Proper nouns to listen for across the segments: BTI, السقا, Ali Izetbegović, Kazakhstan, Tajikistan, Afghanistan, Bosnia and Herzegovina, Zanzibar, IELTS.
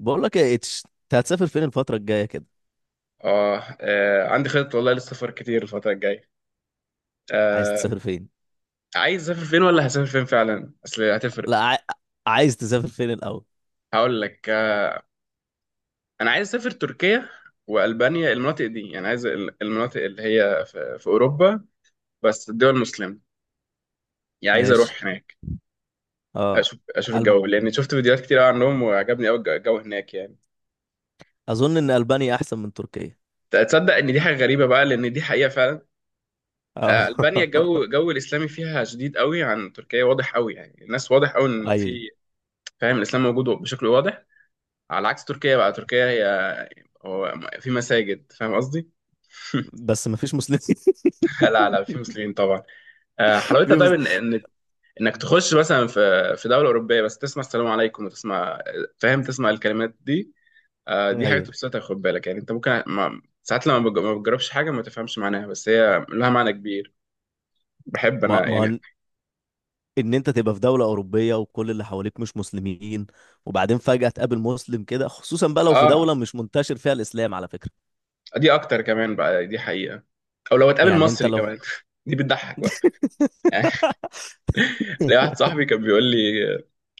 بقول لك يا اتش، انت هتسافر فين الفترة الجاية كده؟ آه، آه، عندي خطط والله للسفر كتير الفترة الجاية. عايز آه، تسافر فين؟ عايز أسافر فين ولا هسافر فين فعلا؟ أصل هتفرق. لا، عايز تسافر فين الأول؟ هقول لك. آه، أنا عايز أسافر تركيا وألبانيا، المناطق دي، يعني عايز المناطق اللي هي في أوروبا، بس الدول المسلمة، يعني عايز ماشي. أروح هناك اه. أشوف أشوف ألب... الجو، لأن شفت فيديوهات كتير أوي عنهم وعجبني أوي الجو هناك يعني. أظن إن ألبانيا أحسن من تركيا. تصدق إن دي حاجة غريبة بقى، لأن دي حقيقة فعلا. اه. آه، ألبانيا الجو الجو الإسلامي فيها شديد أوي عن تركيا، واضح أوي، يعني الناس واضح أوي إن في. أيوة. فاهم؟ الإسلام موجود بشكل واضح، على عكس تركيا. بقى تركيا هي، هو، في مساجد، فاهم قصدي؟ بس مفيش مسلمين. لا لا، في مسلمين طبعا. آه، حلاوتها في طيب مس... ان انك تخش مثلا في، في دوله اوروبيه، بس تسمع السلام عليكم وتسمع، فاهم، تسمع الكلمات دي. آه، دي حاجه أيوة. تبسطك. خد بالك يعني، انت ممكن ما ساعات لما ما بتجربش حاجه ما تفهمش معناها، بس هي لها معنى كبير. بحب ما انا ما هو، يعني. إن أنت تبقى في دولة أوروبية وكل اللي حواليك مش مسلمين، وبعدين فجأة تقابل مسلم كده، خصوصا بقى لو في اه، دولة مش منتشر فيها الإسلام على فكرة. دي اكتر كمان بقى، دي حقيقه. او لو هتقابل يعني أنت مصري لو. كمان دي بتضحك بقى. ليا واحد صاحبي كان بيقول لي،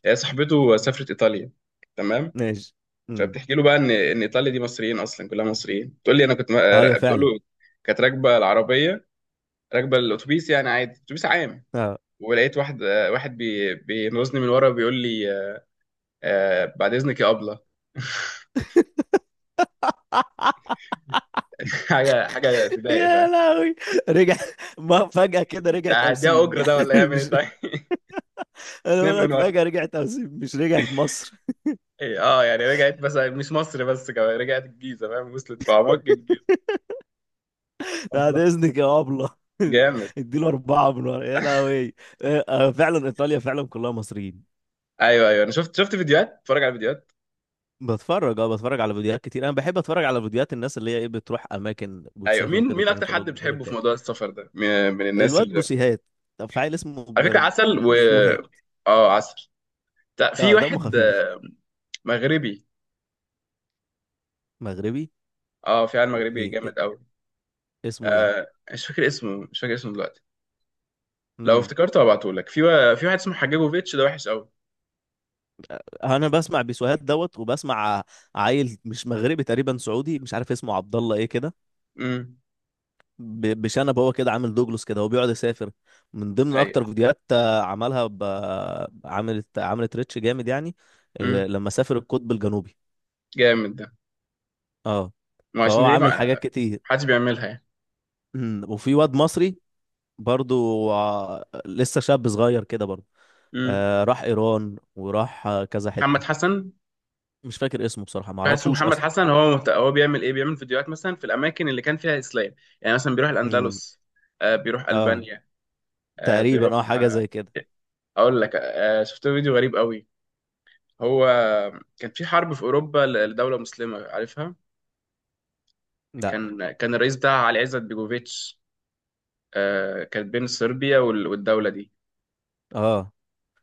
هي صاحبته سافرت ايطاليا، تمام، ماشي. امم. فبتحكي له بقى ان ايطاليا دي مصريين، اصلا كلها مصريين. بتقول لي انا كنت أيوة بتقول فعلا. له، كانت راكبه العربيه، راكبه الاتوبيس يعني، عادي اتوبيس عام. اه. ولقيت واحد، آه، واحد بينوزني من ورا بيقول لي، آه، بعد اذنك يا ابله. حاجه تضايق، يا فاهم؟ لهوي. رجع ما فجأة كده مش رجعت هديها أوسيم اجره؟ ده يعني ولا يعمل ايه مش. طيب؟ أنا اتنين بقول من لك، ورا. فجأة رجعت أوسيم مش رجعت مصر. إيه، اه، يعني رجعت، بس مش مصر بس، كمان رجعت الجيزه، فاهم؟ وصلت في اعماق الجيزه. بعد أبلة. إذنك يا أبلة. جامد. اديله أربعة من ورا. يا لهوي. فعلا إيطاليا فعلا كلها مصريين. ايوه ايوه، انا شفت شفت فيديوهات، اتفرج على فيديوهات. بتفرج على فيديوهات كتير، انا بحب اتفرج على فيديوهات الناس اللي هي ايه، بتروح اماكن ايوه، وتسافر مين وكده مين وتعمل اكتر حد بتحبه في فلوجات. موضوع السفر ده، من الناس الواد اللي، بوسيهات. طب في عيل اسمه على فكره عسل و، بيسوهات. اه عسل. لا، في اه، دمه واحد، خفيف. آه، مغربي. مغربي. اه فعلا مغربي مي جامد قوي. اسمه ايه؟ آه، مش فاكر اسمه، مش فاكر اسمه دلوقتي. لو افتكرته هبعته لك. في في واحد اسمه حجاجوفيتش، ده وحش قوي. انا بسمع بيسوهات دوت وبسمع عيل مش مغربي تقريبا سعودي، مش عارف اسمه عبد الله ايه كده. امم. بشنب، هو كده عامل دوجلوس كده، هو بيقعد يسافر. من ضمن ايوه. اكتر فيديوهات عملها. عملت ريتش جامد يعني. امم. لما سافر القطب الجنوبي. جامد ده. اه. ما عشان فهو دي، عامل حاجات ما كتير. حدش بيعملها يعني. وفي واد مصري برضو، لسه شاب صغير كده برضو. امم. راح ايران وراح كذا حتة. محمد حسن. مش فاكر اسمه بصراحة، كارلوس معرفوش محمد اصلا. حسن، هو مهت، هو بيعمل ايه؟ بيعمل فيديوهات مثلا في الاماكن اللي كان فيها اسلام. يعني مثلا بيروح أمم، الاندلس، آه بيروح اه، البانيا، آه بيروح. تقريبا حاجة آه، زي كده. اقول لك، آه، شفت فيديو غريب قوي. هو كان في حرب في اوروبا لدوله مسلمه، عارفها؟ لا. كان الرئيس بتاعها علي عزت بيجوفيتش. آه، كانت بين صربيا وال، والدوله دي. اه،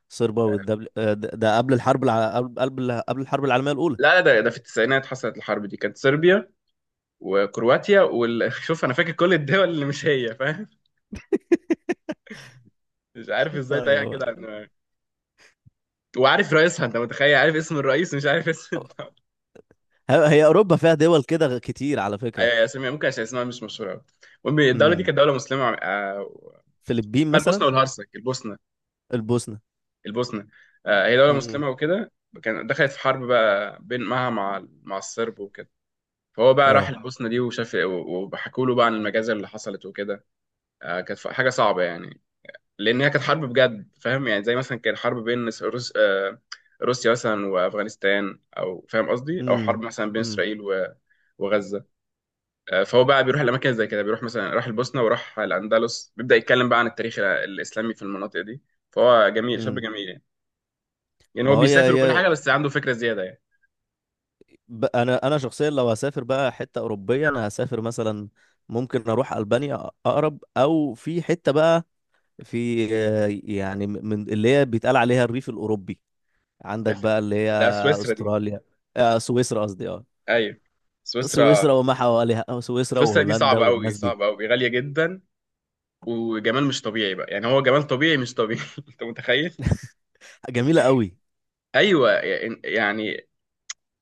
صربا آه، والدبل، ده قبل الحرب العالمية الأولى. لا، ده ده في التسعينات حصلت الحرب دي، كانت صربيا وكرواتيا وال شوف انا فاكر كل الدول اللي مش هي، فاهم؟ مش عارف ازاي تايهه ايوه. كده. وعارف رئيسها، انت متخيل؟ عارف اسم الرئيس ومش عارف اسم الدولة. هي أوروبا فيها دول كده كتير على فكرة. آه، اسمها ممكن عشان اسمها مش مشهورة قوي. المهم الدولة دي امم. كانت دولة مسلمة، آه، فلبين اسمها مثلا. البوسنة والهرسك. البوسنة. البوسنة. البوسنة، آه، هي دولة امم. مسلمة وكده. كان دخلت في حرب بقى، بين معها مع الصرب وكده. فهو بقى راح اه. البوسنة دي وشاف، وحكوا له بقى عن المجازر اللي حصلت وكده. آه، كانت حاجة صعبة يعني، لأن هي كانت حرب بجد، فاهم؟ يعني زي مثلا كانت حرب بين روس، آه، روسيا مثلا وأفغانستان، أو فاهم قصدي، أو امم. حرب مثلا بين امم. إسرائيل و، وغزة. آه، فهو بقى بيروح الاماكن زي كده، بيروح مثلا راح البوسنه وراح الاندلس، بيبدا يتكلم بقى عن التاريخ الاسلامي في المناطق دي. فهو جميل، شاب امم. جميل يعني. يعني هو ما هو هي بيسافر وكل هي حاجه، بس عنده فكره زياده يعني. انا شخصيا لو هسافر بقى حتة أوروبية، انا هسافر مثلا، ممكن اروح ألبانيا، اقرب، او في حتة بقى في يعني من اللي هي بيتقال عليها الريف الأوروبي. ده عندك بقى اللي هي ده سويسرا دي. استراليا، سويسرا قصدي. اه ايوه، سويسرا. سويسرا وما حواليها، أو سويسرا سويسرا دي وهولندا صعبه قوي، والناس دي. صعبه قوي، غاليه جدا، وجمال مش طبيعي بقى، يعني هو جمال طبيعي مش طبيعي انت متخيل؟ جميلة قوي. ايوه، يعني،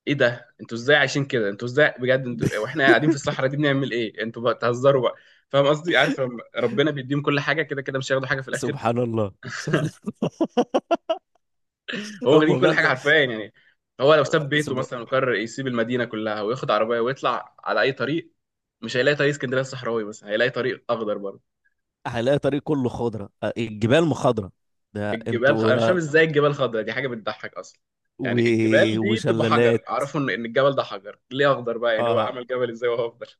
ايه ده انتوا ازاي عايشين كده؟ انتوا ازاي بجد؟ انتوا، واحنا قاعدين في الصحراء دي بنعمل ايه، انتوا بقى تهزروا بقى. فاهم قصدي؟ عارف لما ربنا بيديهم كل حاجه، كده كده مش هياخدوا حاجه في الاخر. سبحان الله. سبحان الله. هو واخدين هم كل حاجه فعلا. حرفيا يعني. هو لو ساب بيته سب... مثلا وقرر يسيب المدينه كلها وياخد عربيه ويطلع على اي طريق، مش هيلاقي طريق اسكندريه الصحراوي، بس هيلاقي طريق اخضر برضه. هلاقي طريق كله خضرة، الجبال مخضرة. ده الجبال خ، انا انتوا. مش فاهم ازاي الجبال خضراء، دي حاجه بتضحك اصلا. و... يعني الجبال دي بتبقى حجر، وشلالات. اعرفه إن الجبل ده حجر، ليه اخضر بقى؟ يعني هو اه. عمل جبل ازاي وهو اخضر؟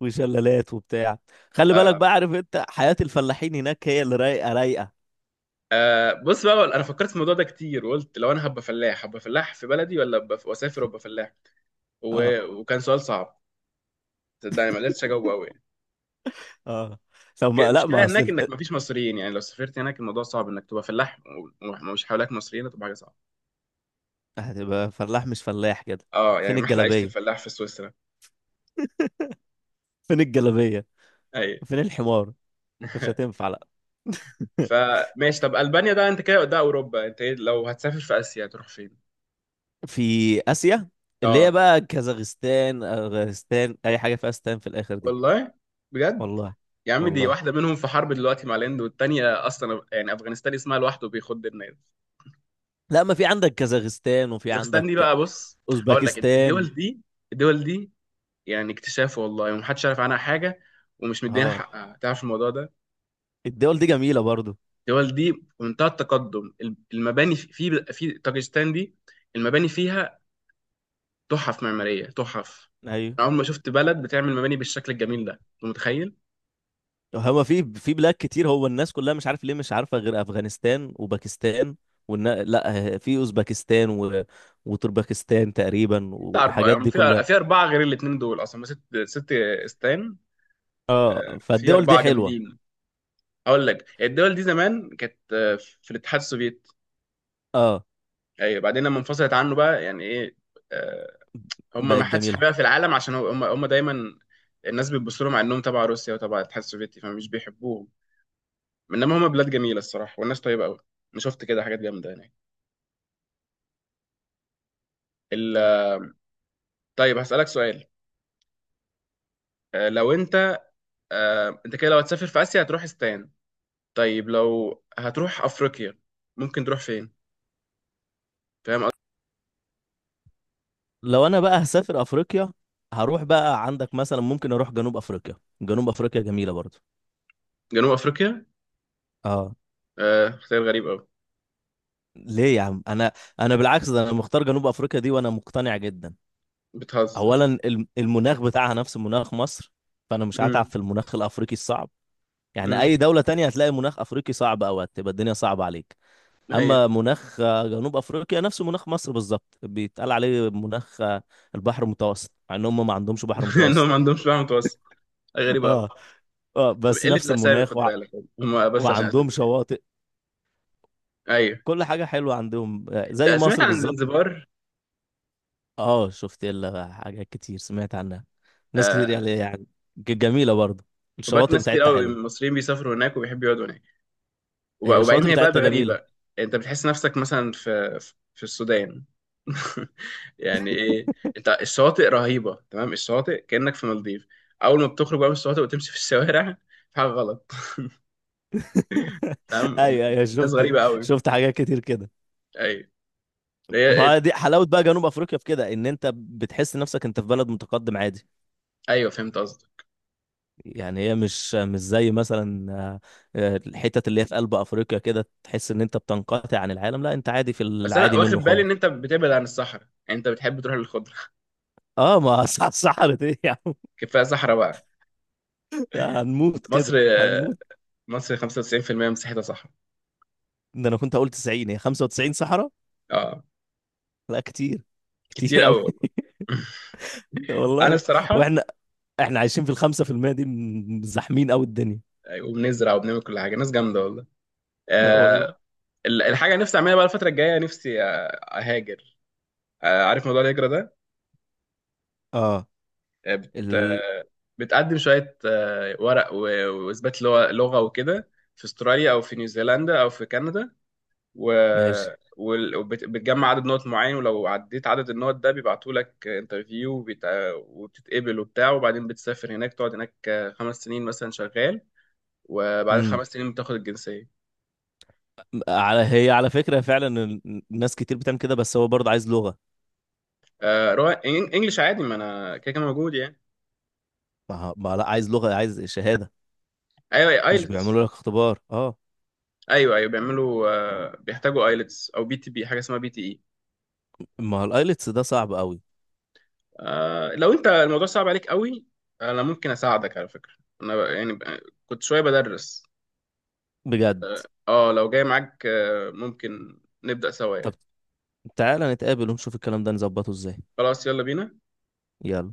وشلالات وبتاع. خلي بالك آه. بقى، عارف انت حياة الفلاحين هناك هي اللي رايقة رايقة. آه، بص بقى، انا فكرت في الموضوع ده كتير، وقلت لو انا هبقى فلاح، هبقى فلاح في بلدي ولا ابقى واسافر وابقى فلاح؟ اه. و، وكان سؤال صعب، صدقني ما قدرتش اجاوبه قوي يعني. اه. لو ما لا المشكله ما اصل هناك انك ما فيش مصريين، يعني لو سافرت هناك الموضوع صعب انك تبقى فلاح، ومش حواليك مصريين، هتبقى حاجه صعبه. هتبقى فلاح، مش فلاح كده. اه يعني فين محلى عيشه الجلابية؟ الفلاح في سويسرا. فين الجلابيه؟ اي فين الحمار؟ مش هتنفع لا. فماشي، طب البانيا ده انت كده، ده اوروبا، انت ايه لو هتسافر في اسيا تروح فين؟ في اسيا، اللي هي اه. بقى كازاخستان، افغانستان، اي حاجه فيها استان في الاخر دي. والله، بجد؟ والله. يا عم، دي والله. واحده منهم في حرب دلوقتي مع الهند، والتانيه اصلا يعني افغانستان اسمها لوحده بيخد الناس. لا، ما في عندك كازاخستان وفي كازاخستان عندك دي بقى، بص، هقول لك، اوزبكستان. الدول دي، الدول دي. يعني اكتشاف والله، ومحدش عارف عنها حاجه، ومش مدينا اه، حقها تعرف الموضوع ده. الدول دي جميله برضو. الدول دي في منتهى التقدم، المباني في في طاجستان دي، المباني فيها تحف معماريه، تحف. ايوه. انا عمري ما شفت بلد بتعمل مباني بالشكل الجميل ده، انت متخيل؟ هما في بلاد كتير، هو الناس كلها مش عارف ليه مش عارفه غير افغانستان وباكستان. لا، في اوزبكستان وتربكستان تقريبا، انت اربعه، والحاجات يعني دي في كلها. اربعه غير الاثنين دول، اصلا هما ست، ست استان. آه، اه، في فالدول دي اربعه حلوه. جامدين. هقول لك، الدول دي زمان كانت، آه، في الاتحاد السوفيتي. اه، ايوه، بعدين لما انفصلت عنه بقى، يعني ايه، آه، هم ما بقت حدش جميله. حاببها في العالم، عشان هم دايما الناس بتبص لهم على انهم تبع روسيا وتبع الاتحاد السوفيتي، فمش بيحبوهم. انما هم بلاد جميله الصراحه، والناس طيبه قوي. انا شفت كده حاجات جامده هناك. ال، طيب هسالك سؤال. آه لو انت، آه انت كده لو هتسافر في اسيا هتروح استان، طيب لو هتروح افريقيا، ممكن تروح فين؟ فاهم قصدي؟ لو انا بقى هسافر افريقيا، هروح بقى عندك مثلا، ممكن اروح جنوب افريقيا. جنوب افريقيا جميلة برضو. جنوب افريقيا؟ اه، آه، اختيار غريب قوي. ليه يا عم؟ انا، انا بالعكس، ده انا مختار جنوب افريقيا دي وانا مقتنع جدا. بتهزر. اولا المناخ بتاعها نفس مناخ مصر، فانا مش هتعب امم. في المناخ الافريقي الصعب. يعني امم. اي دولة تانية هتلاقي مناخ افريقي صعب، او هتبقى الدنيا صعبة عليك. ايوه. اما مناخ جنوب افريقيا نفس مناخ مصر بالظبط، بيتقال عليه مناخ البحر المتوسط، مع ان هم ما عندهمش بحر انهم ما متوسط. عندهمش بقى متوسط، غريبه قوي. اه. اه، بس قلة نفس الأسامي المناخ. خد بالك، هم بس عشان أسامي وعندهم قليلة. شواطئ. أيوه. كل حاجة حلوة عندهم. زي آه، سمعت مصر عن بالظبط. زنزبار. اه، شفت لها حاجات كتير، سمعت عنها ناس كتير آه، يعني جميلة برضه. خد بالك، الشواطئ ناس كتير بتاعتها قوي من حلوة. المصريين بيسافروا هناك وبيحبوا يقعدوا هناك، هي وبعدين الشواطئ هي بلد بتاعتها جميلة. غريبة. أنت بتحس نفسك مثلا في في السودان. يعني إيه؟ أنت الشواطئ رهيبة، تمام، الشواطئ كأنك في مالديف، أول ما بتخرج بقى من الشواطئ وتمشي في الشوارع، في حاجة غلط. تمام، ايوه، ايوه، الناس شفت غريبة قوي. شفت حاجات كتير كده. أيوه. هي ال. ما دي حلاوة بقى جنوب افريقيا في كده، ان انت بتحس نفسك انت في بلد متقدم عادي. أيوه فهمت قصدك. يعني هي مش زي مثلا الحتت اللي هي في قلب افريقيا كده، تحس ان انت بتنقطع عن العالم. لا، انت عادي في بس أنا العادي واخد منه بالي خالص. إن أنت بتبعد عن الصحراء، يعني أنت بتحب تروح للخضرة اه، ما صحرت ايه يا عم؟ كفاية صحراء بقى. هنموت مصر كده هنموت. مصر 95% مساحتها صحراء. ده انا كنت هقول 90، هي 95 صحراء. اه، لا، كتير. كتير كتير قوي. قوي والله. انا والله. الصراحه. واحنا احنا عايشين في 5% دي، زاحمين قوي الدنيا. وبنزرع وبنعمل كل حاجه، ناس جامده والله. لا آه. والله. الحاجه اللي نفسي اعملها بقى الفتره الجايه، نفسي آه، اهاجر. آه، عارف موضوع الهجره ده؟ اه، آه، بت، ال... بتقدم شويه آه، ورق، واثبات لغه، لغة وكده، في استراليا او في نيوزيلندا او في كندا، و، ماشي. بتجمع عدد نقط معين، ولو عديت عدد النقط ده بيبعتوا لك انترفيو، وبيت، وبتتقبل وبتاع، وبعدين بتسافر هناك تقعد هناك 5 سنين مثلا شغال، وبعد امم. ال 5 سنين بتاخد الجنسية. على فكرة فعلا الناس كتير بتعمل كده، بس هو برضه عايز لغة. آه، رو، إن، انجلش عادي، ما انا كده كده موجود يعني. ما ما لا، عايز لغة، عايز شهادة. ايوه، مش ايلتس. بيعملوا لك اختبار؟ اه. ايوه ايوه بيعملوا، آه بيحتاجوا ايلتس او بي تي، بي حاجة اسمها بي تي اي. ما هو الايلتس ده صعب قوي. آه، لو انت الموضوع صعب عليك قوي، انا ممكن اساعدك على فكرة، انا ب، يعني ب، كنت شوية بدرس. بجد. اه، لو جاي معاك آه، ممكن نبدأ سوا طب يعني. تعالى نتقابل ونشوف الكلام ده نظبطه ازاي. خلاص، يلا بينا. يلا.